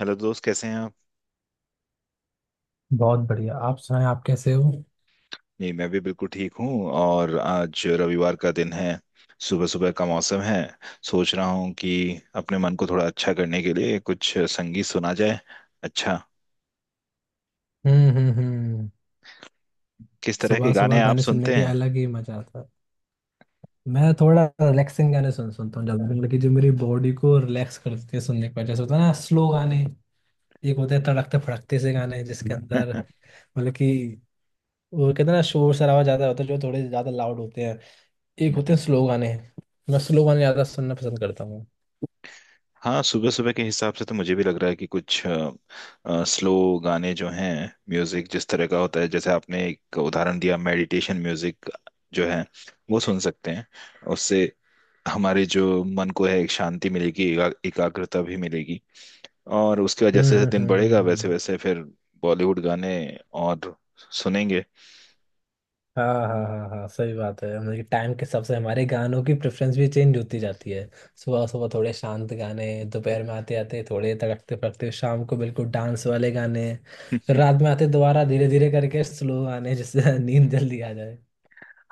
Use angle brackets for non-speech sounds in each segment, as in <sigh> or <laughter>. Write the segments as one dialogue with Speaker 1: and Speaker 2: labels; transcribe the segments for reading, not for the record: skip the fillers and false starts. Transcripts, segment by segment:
Speaker 1: Hello दोस्त, कैसे हैं आप?
Speaker 2: बहुत बढ़िया। आप सुनाएं, आप कैसे हो।
Speaker 1: जी, मैं भी बिल्कुल ठीक हूँ और आज रविवार का दिन है। सुबह सुबह का मौसम है। सोच रहा हूँ कि अपने मन को थोड़ा अच्छा करने के लिए कुछ संगीत सुना जाए। अच्छा,
Speaker 2: हम्म, हम्म, हम्म।
Speaker 1: किस तरह के
Speaker 2: सुबह सुबह
Speaker 1: गाने आप
Speaker 2: गाने सुनने
Speaker 1: सुनते
Speaker 2: के
Speaker 1: हैं?
Speaker 2: अलग ही मजा आता है। मैं थोड़ा रिलैक्सिंग गाने सुनता हूँ ज्यादा, मतलब कि जो मेरी बॉडी को रिलैक्स कर देते हैं सुनने के बाद, जैसे होता है ना, स्लो गाने। एक होते हैं तड़कते फड़कते से गाने जिसके अंदर
Speaker 1: <laughs>
Speaker 2: मतलब कि वो कहते हैं ना, शोर शराबा ज्यादा होता है, जो थोड़े ज्यादा लाउड होते हैं। एक होते हैं
Speaker 1: हम्म।
Speaker 2: स्लो गाने। मैं स्लो गाने ज्यादा सुनना पसंद करता हूँ।
Speaker 1: हाँ, सुबह सुबह के हिसाब से तो मुझे भी लग रहा है कि कुछ स्लो गाने जो हैं, म्यूजिक जिस तरह का होता है, जैसे आपने एक उदाहरण दिया मेडिटेशन म्यूजिक, जो है वो सुन सकते हैं। उससे हमारे जो मन को है एक शांति मिलेगी, एकाग्रता भी मिलेगी। और उसके बाद
Speaker 2: हम्म,
Speaker 1: जैसे जैसे
Speaker 2: हम्म,
Speaker 1: दिन
Speaker 2: हम्म,
Speaker 1: बढ़ेगा
Speaker 2: हम्म,
Speaker 1: वैसे वैसे फिर बॉलीवुड गाने और सुनेंगे।
Speaker 2: हाँ, हाँ, हाँ, हाँ, सही बात है। मतलब टाइम के हिसाब से हमारे गानों की प्रेफरेंस भी चेंज होती जाती है। सुबह सुबह थोड़े शांत गाने, दोपहर में आते आते थोड़े तड़कते फड़कते, शाम को बिल्कुल डांस वाले गाने, फिर
Speaker 1: <laughs>
Speaker 2: रात में आते दोबारा धीरे धीरे करके स्लो गाने जिससे <laughs> नींद जल्दी आ जाए।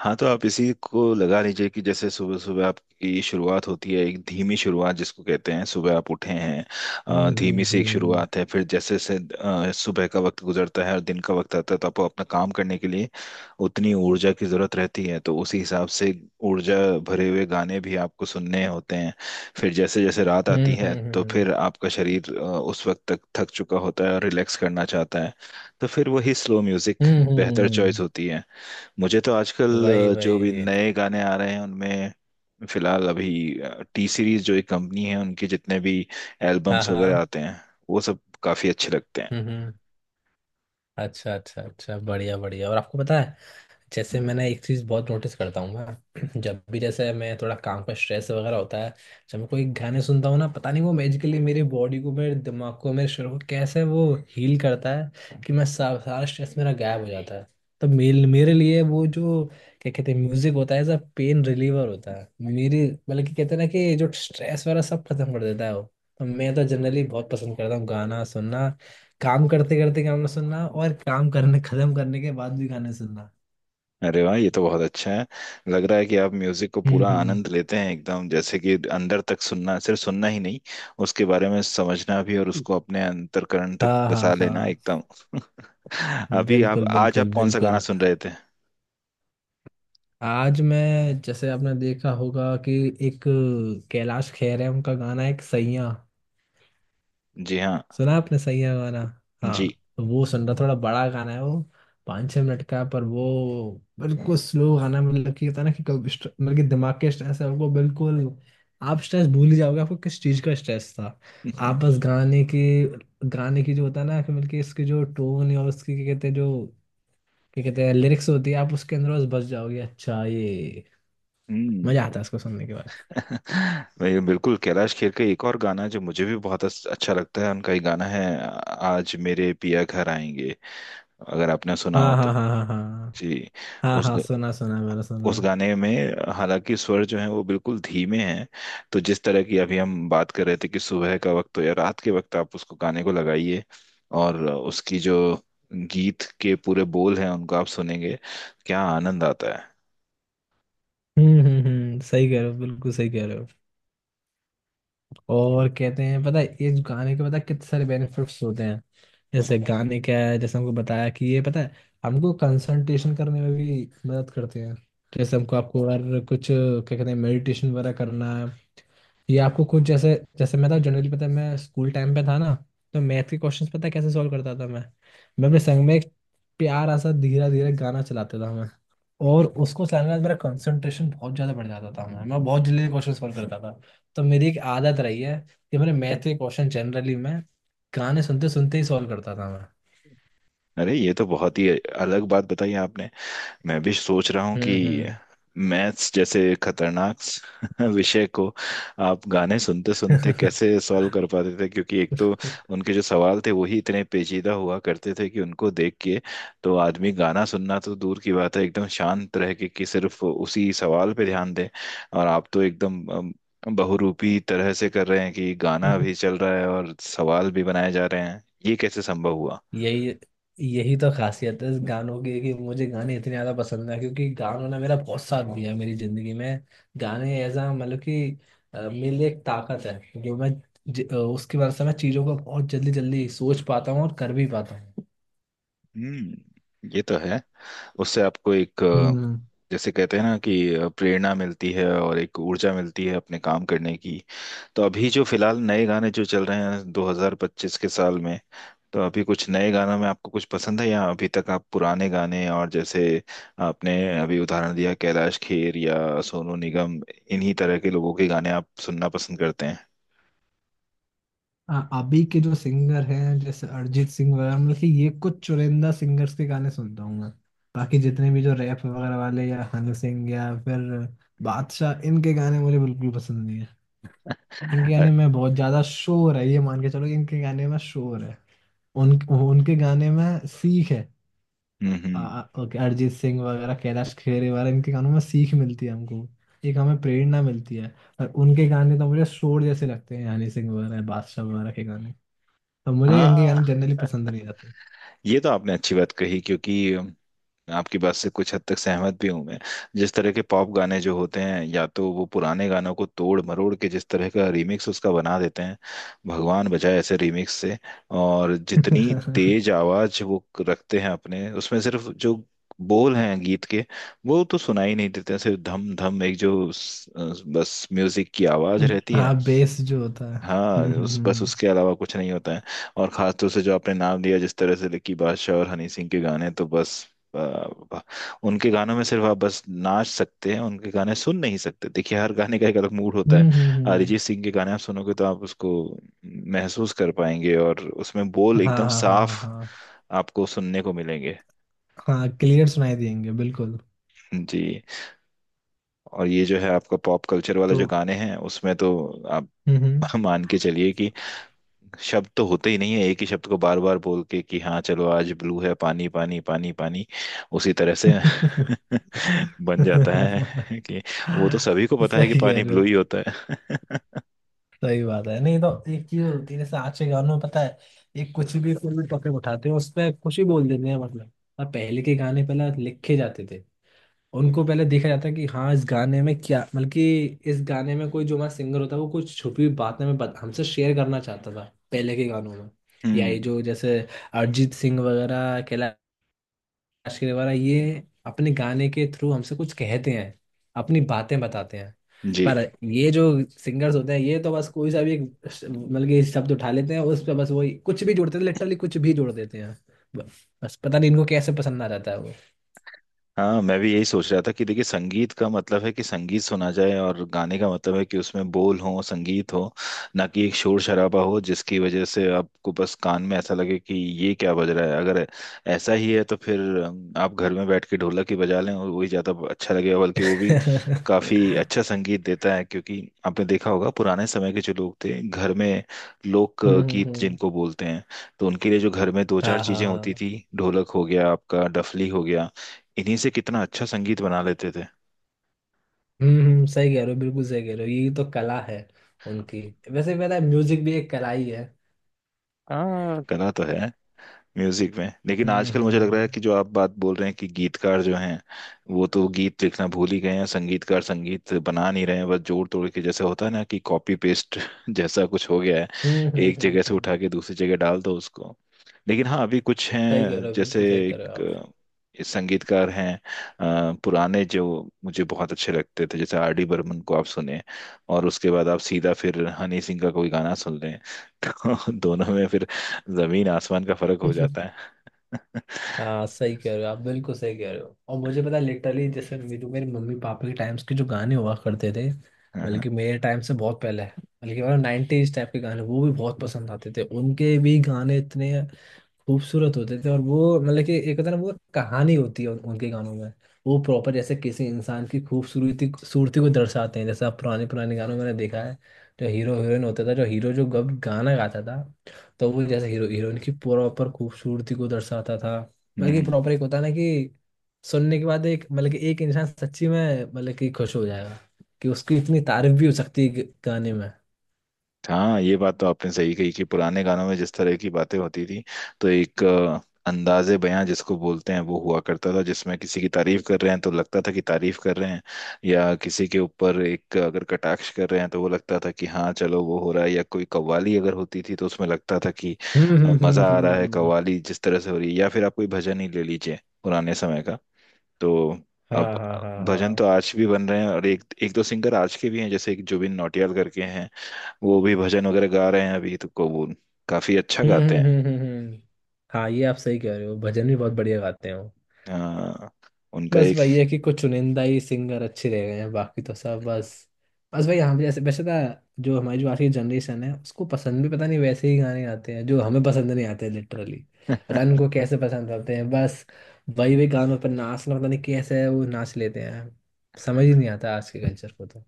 Speaker 1: हाँ, तो आप इसी को लगा लीजिए कि जैसे सुबह सुबह आपकी शुरुआत होती है, एक धीमी शुरुआत जिसको कहते हैं सुबह आप उठे हैं।
Speaker 2: हम्म, हम्म,
Speaker 1: धीमी से एक
Speaker 2: हम्म,
Speaker 1: शुरुआत है, फिर जैसे जैसे सुबह का वक्त गुजरता है और दिन का वक्त आता है तो आपको अपना काम करने के लिए उतनी ऊर्जा की जरूरत रहती है, तो उसी हिसाब से ऊर्जा भरे हुए गाने भी आपको सुनने होते हैं। फिर जैसे जैसे रात आती
Speaker 2: हम्म,
Speaker 1: है तो
Speaker 2: हम्म,
Speaker 1: फिर आपका शरीर उस वक्त तक थक चुका होता है और रिलैक्स करना चाहता है। तो फिर वही स्लो म्यूजिक
Speaker 2: हम्म, हम्म,
Speaker 1: बेहतर चॉइस
Speaker 2: हम्म।
Speaker 1: होती है। मुझे तो आजकल
Speaker 2: वही
Speaker 1: जो भी
Speaker 2: वही।
Speaker 1: नए गाने आ रहे हैं उनमें, फिलहाल अभी टी सीरीज जो एक कंपनी है उनके जितने भी
Speaker 2: हाँ,
Speaker 1: एल्बम्स वगैरह
Speaker 2: हाँ।
Speaker 1: आते हैं वो सब काफी अच्छे लगते हैं।
Speaker 2: हम्म, हम्म। अच्छा अच्छा अच्छा, बढ़िया बढ़िया। और आपको पता है, जैसे मैंने एक चीज़ बहुत नोटिस करता हूँ मैं, <clears throat> जब भी जैसे मैं थोड़ा काम का स्ट्रेस वगैरह होता है, जब मैं कोई गाने सुनता हूँ ना, पता नहीं वो मैजिकली मेरे बॉडी को, मेरे दिमाग को, मेरे शरीर को कैसे वो हील करता है कि मैं सारा स्ट्रेस मेरा गायब हो जाता है। तो मेरे मेरे लिए वो जो, क्या कहते हैं, म्यूजिक होता है एज अ पेन रिलीवर, होता है मेरी, मतलब कि कहते हैं ना कि जो स्ट्रेस वगैरह सब खत्म कर देता है वो। तो मैं तो जनरली बहुत पसंद करता हूँ गाना सुनना, काम करते करते गाना सुनना, और काम करने खत्म करने के बाद भी गाने सुनना।
Speaker 1: अरे वाह, ये तो बहुत अच्छा है। लग रहा है कि आप म्यूजिक को
Speaker 2: हम्म,
Speaker 1: पूरा आनंद लेते हैं एकदम, जैसे कि अंदर तक, सुनना सिर्फ सुनना ही नहीं, उसके बारे में समझना भी और उसको अपने अंतर्करण तक
Speaker 2: हाँ, हाँ,
Speaker 1: बसा लेना
Speaker 2: हाँ।
Speaker 1: एकदम। <laughs> अभी आप,
Speaker 2: बिल्कुल,
Speaker 1: आज
Speaker 2: बिल्कुल,
Speaker 1: आप कौन सा गाना
Speaker 2: बिल्कुल।
Speaker 1: सुन रहे थे?
Speaker 2: आज मैं, जैसे आपने देखा होगा कि, एक कैलाश खेर है, उनका गाना है एक सैया।
Speaker 1: जी हाँ।
Speaker 2: सुना आपने सैया गाना? हाँ।
Speaker 1: जी।
Speaker 2: तो वो सुन रहा, थोड़ा बड़ा गाना है वो, 5-6 मिनट का है, पर वो बिल्कुल स्लो गाना, मतलब कि होता है ना कि कब मतलब कि दिमाग के स्ट्रेस है वो, बिल्कुल आप स्ट्रेस भूल ही जाओगे, आपको किस चीज़ का स्ट्रेस था। आप
Speaker 1: <laughs>
Speaker 2: बस गाने के, गाने की जो होता है ना कि, मतलब कि इसकी जो टोन और उसकी क्या कहते हैं जो, क्या कहते हैं, लिरिक्स होती है, आप उसके अंदर बस बस जाओगे। अच्छा ये
Speaker 1: हम्म।
Speaker 2: मजा आता है इसको सुनने के बाद।
Speaker 1: <laughs> मैं बिल्कुल, कैलाश खेर का एक और गाना जो मुझे भी बहुत अच्छा लगता है, उनका एक गाना है आज मेरे पिया घर आएंगे, अगर आपने सुना हो
Speaker 2: हाँ,
Speaker 1: तो।
Speaker 2: हाँ, हाँ, हाँ, हाँ।
Speaker 1: जी।
Speaker 2: हाँ,
Speaker 1: उस
Speaker 2: हाँ, सुना सुना, मैंने सुना।
Speaker 1: उस गाने में, हालांकि स्वर जो है वो बिल्कुल धीमे हैं। तो जिस तरह की अभी हम बात कर रहे थे कि सुबह का वक्त हो या रात के वक्त, आप उसको, गाने को लगाइए और उसकी जो गीत के पूरे बोल हैं उनको आप सुनेंगे, क्या आनंद आता है।
Speaker 2: हम्म, हम्म, हम्म। सही कह रहे हो, बिल्कुल सही कह रहे हो। और कहते हैं, पता है इस गाने के, पता है कितने सारे बेनिफिट्स होते हैं। जैसे गाने क्या है, जैसे हमको बताया कि ये पता है, हमको कंसंट्रेशन करने में भी मदद करते हैं। जैसे हमको आपको अगर कुछ, क्या कहते हैं, मेडिटेशन वगैरह करना है, ये आपको कुछ, जैसे जैसे मैं था, जनरली पता है मैं स्कूल टाइम पे था ना, तो मैथ के क्वेश्चंस पता है कैसे सॉल्व करता था मैं अपने संग में एक प्यारा सा धीरे धीरे गाना चलाता था, और उसको चलाने के बाद मेरा कंसंट्रेशन बहुत ज़्यादा बढ़ जाता था, मैं बहुत जल्दी क्वेश्चन सॉल्व करता था। तो मेरी एक आदत रही है कि मैंने मैथ के क्वेश्चन जनरली मैं गाने सुनते सुनते ही सॉल्व करता था मैं।
Speaker 1: अरे, ये तो बहुत ही अलग बात बताई आपने। मैं भी सोच रहा हूँ कि
Speaker 2: हम्म,
Speaker 1: मैथ्स जैसे खतरनाक <laughs> विषय को आप गाने सुनते सुनते कैसे सॉल्व कर पाते थे, क्योंकि एक तो
Speaker 2: हम्म।
Speaker 1: उनके जो सवाल थे वही इतने पेचीदा हुआ करते थे कि उनको देख के तो आदमी, गाना सुनना तो दूर की बात है, एकदम शांत रह के कि सिर्फ उसी सवाल पे ध्यान दे। और आप तो एकदम बहुरूपी तरह से कर रहे हैं कि गाना भी चल रहा है और सवाल भी बनाए जा रहे हैं, ये कैसे संभव हुआ?
Speaker 2: <laughs> यही यही तो खासियत है इस गानों की कि मुझे गाने इतने ज़्यादा पसंद है, क्योंकि गानों ने मेरा बहुत साथ दिया है मेरी ज़िंदगी में। गाने एज अ, मतलब कि मेरे लिए एक ताकत है, जो मैं, उसकी वजह से मैं चीज़ों को बहुत जल्दी जल्दी सोच पाता हूँ और कर भी पाता हूँ।
Speaker 1: हम्म, ये तो है। उससे आपको एक,
Speaker 2: हम्म।
Speaker 1: जैसे कहते हैं ना कि प्रेरणा मिलती है और एक ऊर्जा मिलती है अपने काम करने की। तो अभी जो फिलहाल नए गाने जो चल रहे हैं 2025 के साल में, तो अभी कुछ नए गानों में आपको कुछ पसंद है, या अभी तक आप पुराने गाने, और जैसे आपने अभी उदाहरण दिया कैलाश खेर या सोनू निगम, इन्हीं तरह के लोगों के गाने आप सुनना पसंद करते हैं?
Speaker 2: हाँ, अभी के जो सिंगर हैं जैसे अरिजीत सिंह वगैरह, मतलब कि ये कुछ चुनिंदा सिंगर्स के गाने सुनता हूँ मैं। बाकी जितने भी जो रैप वगैरह वाले, या हनी सिंह, या फिर बादशाह, इनके गाने मुझे बिल्कुल पसंद नहीं है। इनके
Speaker 1: अ,
Speaker 2: गाने में बहुत ज्यादा शोर है, ये मान के चलो कि इनके गाने में शोर है। उन उनके गाने में सीख है।
Speaker 1: हम्म, हम्म।
Speaker 2: ओके, अरिजीत सिंह वगैरह, कैलाश खेर वगैरह, इनके गानों में सीख मिलती है हमको, एक हमें प्रेरणा मिलती है। पर उनके गाने तो मुझे शोर जैसे लगते हैं, हनी सिंह वगैरह बादशाह वगैरह के गाने, तो मुझे इनके
Speaker 1: हाँ,
Speaker 2: गाने जनरली पसंद नहीं आते।
Speaker 1: ये तो आपने अच्छी बात कही, क्योंकि आपकी बात से कुछ हद तक सहमत भी हूं मैं। जिस तरह के पॉप गाने जो होते हैं, या तो वो पुराने गानों को तोड़ मरोड़ के जिस तरह का रीमिक्स उसका बना देते हैं, भगवान बचाए ऐसे रीमिक्स से। और जितनी
Speaker 2: <laughs>
Speaker 1: तेज आवाज वो रखते हैं अपने उसमें, सिर्फ जो बोल हैं गीत के वो तो सुनाई नहीं देते हैं, सिर्फ धम धम, एक जो बस म्यूजिक की आवाज रहती है।
Speaker 2: हाँ, बेस जो होता है।
Speaker 1: हाँ,
Speaker 2: हम्म,
Speaker 1: उस, बस
Speaker 2: हम्म,
Speaker 1: उसके अलावा कुछ नहीं होता है। और खासतौर से जो आपने नाम लिया, जिस तरह से लकी बादशाह और हनी सिंह के गाने, तो बस आ, आ, उनके गानों में सिर्फ आप बस नाच सकते हैं, उनके गाने सुन नहीं सकते। देखिए हर गाने का एक अलग मूड होता है।
Speaker 2: हम्म, हम्म,
Speaker 1: अरिजीत सिंह के गाने आप सुनोगे तो आप उसको महसूस कर पाएंगे और उसमें बोल
Speaker 2: हाँ,
Speaker 1: एकदम
Speaker 2: हाँ, हाँ,
Speaker 1: साफ
Speaker 2: हाँ,
Speaker 1: आपको सुनने को मिलेंगे।
Speaker 2: हाँ। हाँ, क्लियर सुनाई देंगे बिल्कुल।
Speaker 1: जी। और ये जो है आपका पॉप कल्चर वाले
Speaker 2: तो।
Speaker 1: जो गाने हैं उसमें तो आप
Speaker 2: हम्म, हम्म।
Speaker 1: <laughs> मान के चलिए कि शब्द तो होते ही नहीं है, एक ही शब्द को बार बार बोल के कि हाँ चलो, आज ब्लू है, पानी पानी पानी पानी, उसी तरह से
Speaker 2: <laughs>
Speaker 1: <laughs> बन जाता है कि, वो तो सभी को पता है कि
Speaker 2: सही कह
Speaker 1: पानी
Speaker 2: रहे हो।
Speaker 1: ब्लू ही होता है। <laughs>
Speaker 2: सही बात है, नहीं तो एक चीज होती है, जैसे आज के गानों में पता है, एक कुछ भी कोई भी टॉपिक उठाते हैं उस पर कुछ भी बोल देते हैं, मतलब। और पहले के गाने पहले लिखे जाते थे, उनको पहले देखा जाता है कि, हाँ इस गाने में क्या, मतलब कि इस गाने में कोई, जो हमारा सिंगर होता है वो कुछ छुपी हुई बातें हमें हमसे शेयर करना चाहता था पहले के गानों में। या ये
Speaker 1: हम्म,
Speaker 2: जो जैसे अरिजीत सिंह वगैरह, कैलाश खेर वगैरह, ये अपने गाने के थ्रू हमसे कुछ कहते हैं, अपनी बातें बताते हैं।
Speaker 1: जी
Speaker 2: पर ये जो सिंगर्स होते हैं, ये तो बस कोई सा भी एक मतलब कि शब्द उठा लेते हैं, उस पे बस वही कुछ भी जोड़ते हैं, लिटरली कुछ भी जोड़ देते हैं। ब- बस पता नहीं इनको कैसे पसंद आ जाता है वो।
Speaker 1: हाँ, मैं भी यही सोच रहा था कि देखिए, संगीत का मतलब है कि संगीत सुना जाए, और गाने का मतलब है कि उसमें बोल हो, संगीत हो, ना कि एक शोर शराबा हो जिसकी वजह से आपको बस कान में ऐसा लगे कि ये क्या बज रहा है। अगर ऐसा ही है तो फिर आप घर में बैठ के ढोलक ही बजा लें और वही ज़्यादा अच्छा लगेगा, बल्कि
Speaker 2: <laughs>
Speaker 1: वो भी काफ़ी
Speaker 2: हम्म,
Speaker 1: अच्छा संगीत देता है, क्योंकि आपने देखा होगा पुराने समय के जो लोग थे घर में, लोक
Speaker 2: हम्म,
Speaker 1: गीत
Speaker 2: हम्म।
Speaker 1: जिनको बोलते हैं, तो उनके लिए जो घर में दो चार
Speaker 2: हाँ, हाँ,
Speaker 1: चीज़ें होती
Speaker 2: हाँ।
Speaker 1: थी, ढोलक हो गया आपका, डफली हो गया, इन्हीं से कितना अच्छा संगीत बना लेते थे।
Speaker 2: हम्म, सही कह रहे हो, बिल्कुल सही कह रहे हो। यही तो कला है उनकी। वैसे मेरा म्यूजिक भी एक कला ही है।
Speaker 1: हाँ, कला तो है म्यूजिक में, लेकिन
Speaker 2: हम्म,
Speaker 1: आजकल मुझे लग रहा है
Speaker 2: हम्म,
Speaker 1: कि जो आप बात बोल रहे हैं, कि गीतकार जो हैं वो तो गीत लिखना भूल ही गए हैं, संगीतकार संगीत बना नहीं रहे हैं, बस जोड़ तोड़ के, जैसे होता है ना कि कॉपी पेस्ट <laughs> जैसा कुछ हो गया है।
Speaker 2: हम्म, हम्म,
Speaker 1: एक
Speaker 2: हम्म,
Speaker 1: जगह से उठा
Speaker 2: हम्म।
Speaker 1: के दूसरी जगह डाल दो उसको। लेकिन हाँ, अभी कुछ
Speaker 2: सही कह
Speaker 1: हैं,
Speaker 2: रहे हो,
Speaker 1: जैसे
Speaker 2: बिल्कुल सही कह रहे हो
Speaker 1: एक
Speaker 2: आप।
Speaker 1: संगीतकार हैं, पुराने जो मुझे बहुत अच्छे लगते थे, जैसे आर डी बर्मन को आप सुने और उसके बाद आप सीधा फिर हनी सिंह का कोई गाना सुन लें, <laughs> तो दोनों में फिर जमीन आसमान का फर्क हो जाता है।
Speaker 2: <laughs>
Speaker 1: <laughs>
Speaker 2: हाँ, सही कह रहे हो आप, बिल्कुल सही कह रहे हो। और मुझे पता, लिटरली जैसे मेरे मेरे मम्मी पापा के टाइम्स के जो गाने हुआ करते थे,
Speaker 1: हाँ,
Speaker 2: बल्कि मेरे टाइम से बहुत पहले, बल्कि मतलब 90s टाइप के गाने, वो भी बहुत पसंद आते थे, उनके भी गाने इतने खूबसूरत होते थे। और वो मतलब कि एक होता है ना, वो कहानी होती है उनके गानों में। वो प्रॉपर जैसे किसी इंसान की खूबसूरती सूरती को दर्शाते हैं। जैसे आप पुराने पुराने गानों में मैंने देखा है, जो हीरो हीरोइन होता था, जो हीरो जो गब गाना गाता था, तो वो जैसे हीरो हीरोइन की प्रॉपर खूबसूरती को दर्शाता था। मतलब कि
Speaker 1: हम्म,
Speaker 2: प्रॉपर, एक होता है ना कि सुनने के बाद एक, मतलब कि एक इंसान सच्ची में मतलब कि खुश हो जाएगा कि उसकी इतनी तारीफ भी हो सकती है गाने में।
Speaker 1: हाँ, ये बात तो आपने सही कही कि पुराने गानों में जिस तरह की बातें होती थी, तो एक अंदाजे बयां जिसको बोलते हैं वो हुआ करता था, जिसमें किसी की तारीफ कर रहे हैं तो लगता था कि तारीफ कर रहे हैं, या किसी के ऊपर एक अगर कटाक्ष कर रहे हैं तो वो लगता था कि हाँ चलो वो हो रहा है, या कोई कव्वाली अगर होती थी तो उसमें लगता था कि
Speaker 2: हम्म, हम्म, हम्म,
Speaker 1: मजा आ रहा है, कव्वाली जिस तरह से हो रही है, या फिर आप कोई भजन ही ले लीजिए पुराने समय का। तो
Speaker 2: हाँ,
Speaker 1: अब
Speaker 2: हाँ, हाँ,
Speaker 1: भजन तो
Speaker 2: हाँ।
Speaker 1: आज भी बन रहे हैं और एक एक दो सिंगर आज के भी हैं, जैसे एक जुबिन नौटियाल करके हैं, वो भी भजन वगैरह गा रहे हैं अभी, तो को वो काफी अच्छा
Speaker 2: हम्म,
Speaker 1: गाते हैं।
Speaker 2: हम्म, हम्म, हाँ, ये आप सही कह रहे हो, भजन भी बहुत बढ़िया गाते हो।
Speaker 1: हाँ, उनका
Speaker 2: बस
Speaker 1: एक,
Speaker 2: वही है कि कुछ चुनिंदा ही सिंगर अच्छे रह गए हैं, बाकी तो सब बस। बस भाई, हम जैसे वैसे ना, जो हमारी जो आज की जनरेशन है उसको पसंद भी पता नहीं, वैसे ही गाने आते हैं जो हमें पसंद नहीं आते लिटरली। पता
Speaker 1: <laughs>
Speaker 2: नहीं उनको कैसे पसंद आते हैं। बस वही वही गानों पर नाचना, पता नहीं कैसे है वो नाच लेते हैं। समझ ही नहीं आता आज के कल्चर को तो।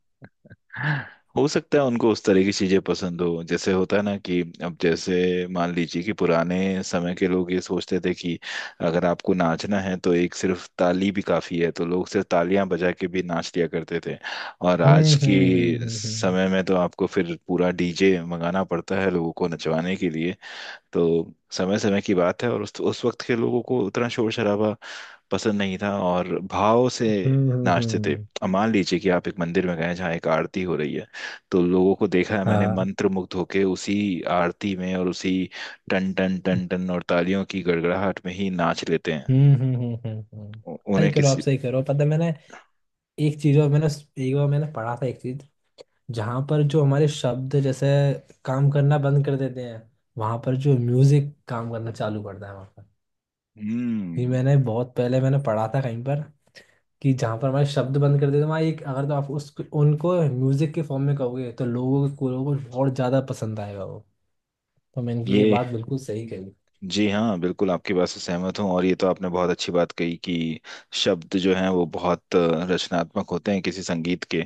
Speaker 1: हो सकता है उनको उस तरह की चीजें पसंद हो, जैसे होता है ना कि, अब जैसे मान लीजिए कि पुराने समय के लोग ये सोचते थे कि अगर आपको नाचना है तो एक सिर्फ ताली भी काफी है, तो लोग सिर्फ तालियां बजा के भी नाच लिया करते थे। और आज
Speaker 2: हम्म,
Speaker 1: के
Speaker 2: हम्म, हम्म, हम्म, हम्म, हम्म,
Speaker 1: समय में तो आपको फिर पूरा डीजे मंगाना पड़ता है लोगों को नचवाने के लिए। तो समय समय की बात है, और उस वक्त के लोगों को उतना शोर शराबा पसंद नहीं था, और भाव से
Speaker 2: हम्म,
Speaker 1: नाचते थे। अब मान लीजिए कि आप एक मंदिर में गए हैं जहाँ एक आरती हो रही है, तो लोगों को देखा है मैंने
Speaker 2: हाँ।
Speaker 1: मंत्र मुग्ध होके उसी आरती में, और उसी टन टन टन टन और तालियों की गड़गड़ाहट में ही नाच लेते हैं।
Speaker 2: हम्म, हम्म, हम्म, हम्म, सही
Speaker 1: उन्हें
Speaker 2: करो आप,
Speaker 1: किसी,
Speaker 2: सही करो। पता है, मैंने एक चीज, और मैंने एक बार मैंने पढ़ा था एक चीज, जहां पर जो हमारे शब्द जैसे काम करना बंद कर देते हैं, वहां पर जो म्यूजिक काम करना चालू करता है वहां पर। ये
Speaker 1: हम्म,
Speaker 2: मैंने बहुत पहले मैंने पढ़ा था कहीं पर, कि जहां पर हमारे शब्द बंद कर देते हैं, वहाँ एक, अगर तो आप उस उनको म्यूजिक के फॉर्म में कहोगे, तो लोगों को बहुत ज्यादा पसंद आएगा वो। तो मैंने की, ये
Speaker 1: ये,
Speaker 2: बात बिल्कुल सही कही।
Speaker 1: जी हाँ, बिल्कुल आपकी बात से सहमत हूँ। और ये तो आपने बहुत अच्छी बात कही कि शब्द जो हैं वो बहुत रचनात्मक होते हैं किसी संगीत के।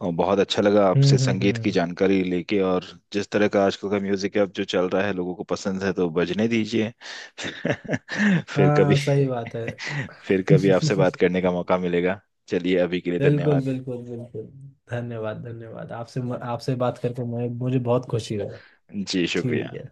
Speaker 1: और बहुत अच्छा लगा
Speaker 2: हम्म,
Speaker 1: आपसे
Speaker 2: हम्म,
Speaker 1: संगीत की
Speaker 2: हम्म।
Speaker 1: जानकारी लेके, और जिस तरह का आजकल का म्यूजिक अब जो चल रहा है लोगों को पसंद है तो बजने दीजिए। <laughs> फिर कभी,
Speaker 2: हाँ, सही बात है।
Speaker 1: <laughs> फिर कभी आपसे बात
Speaker 2: <laughs>
Speaker 1: करने का मौका मिलेगा। चलिए, अभी के लिए
Speaker 2: बिल्कुल,
Speaker 1: धन्यवाद।
Speaker 2: बिल्कुल, बिल्कुल। धन्यवाद, धन्यवाद आपसे। आपसे बात करके मैं, मुझे बहुत खुशी हुई।
Speaker 1: जी,
Speaker 2: ठीक
Speaker 1: शुक्रिया।
Speaker 2: है।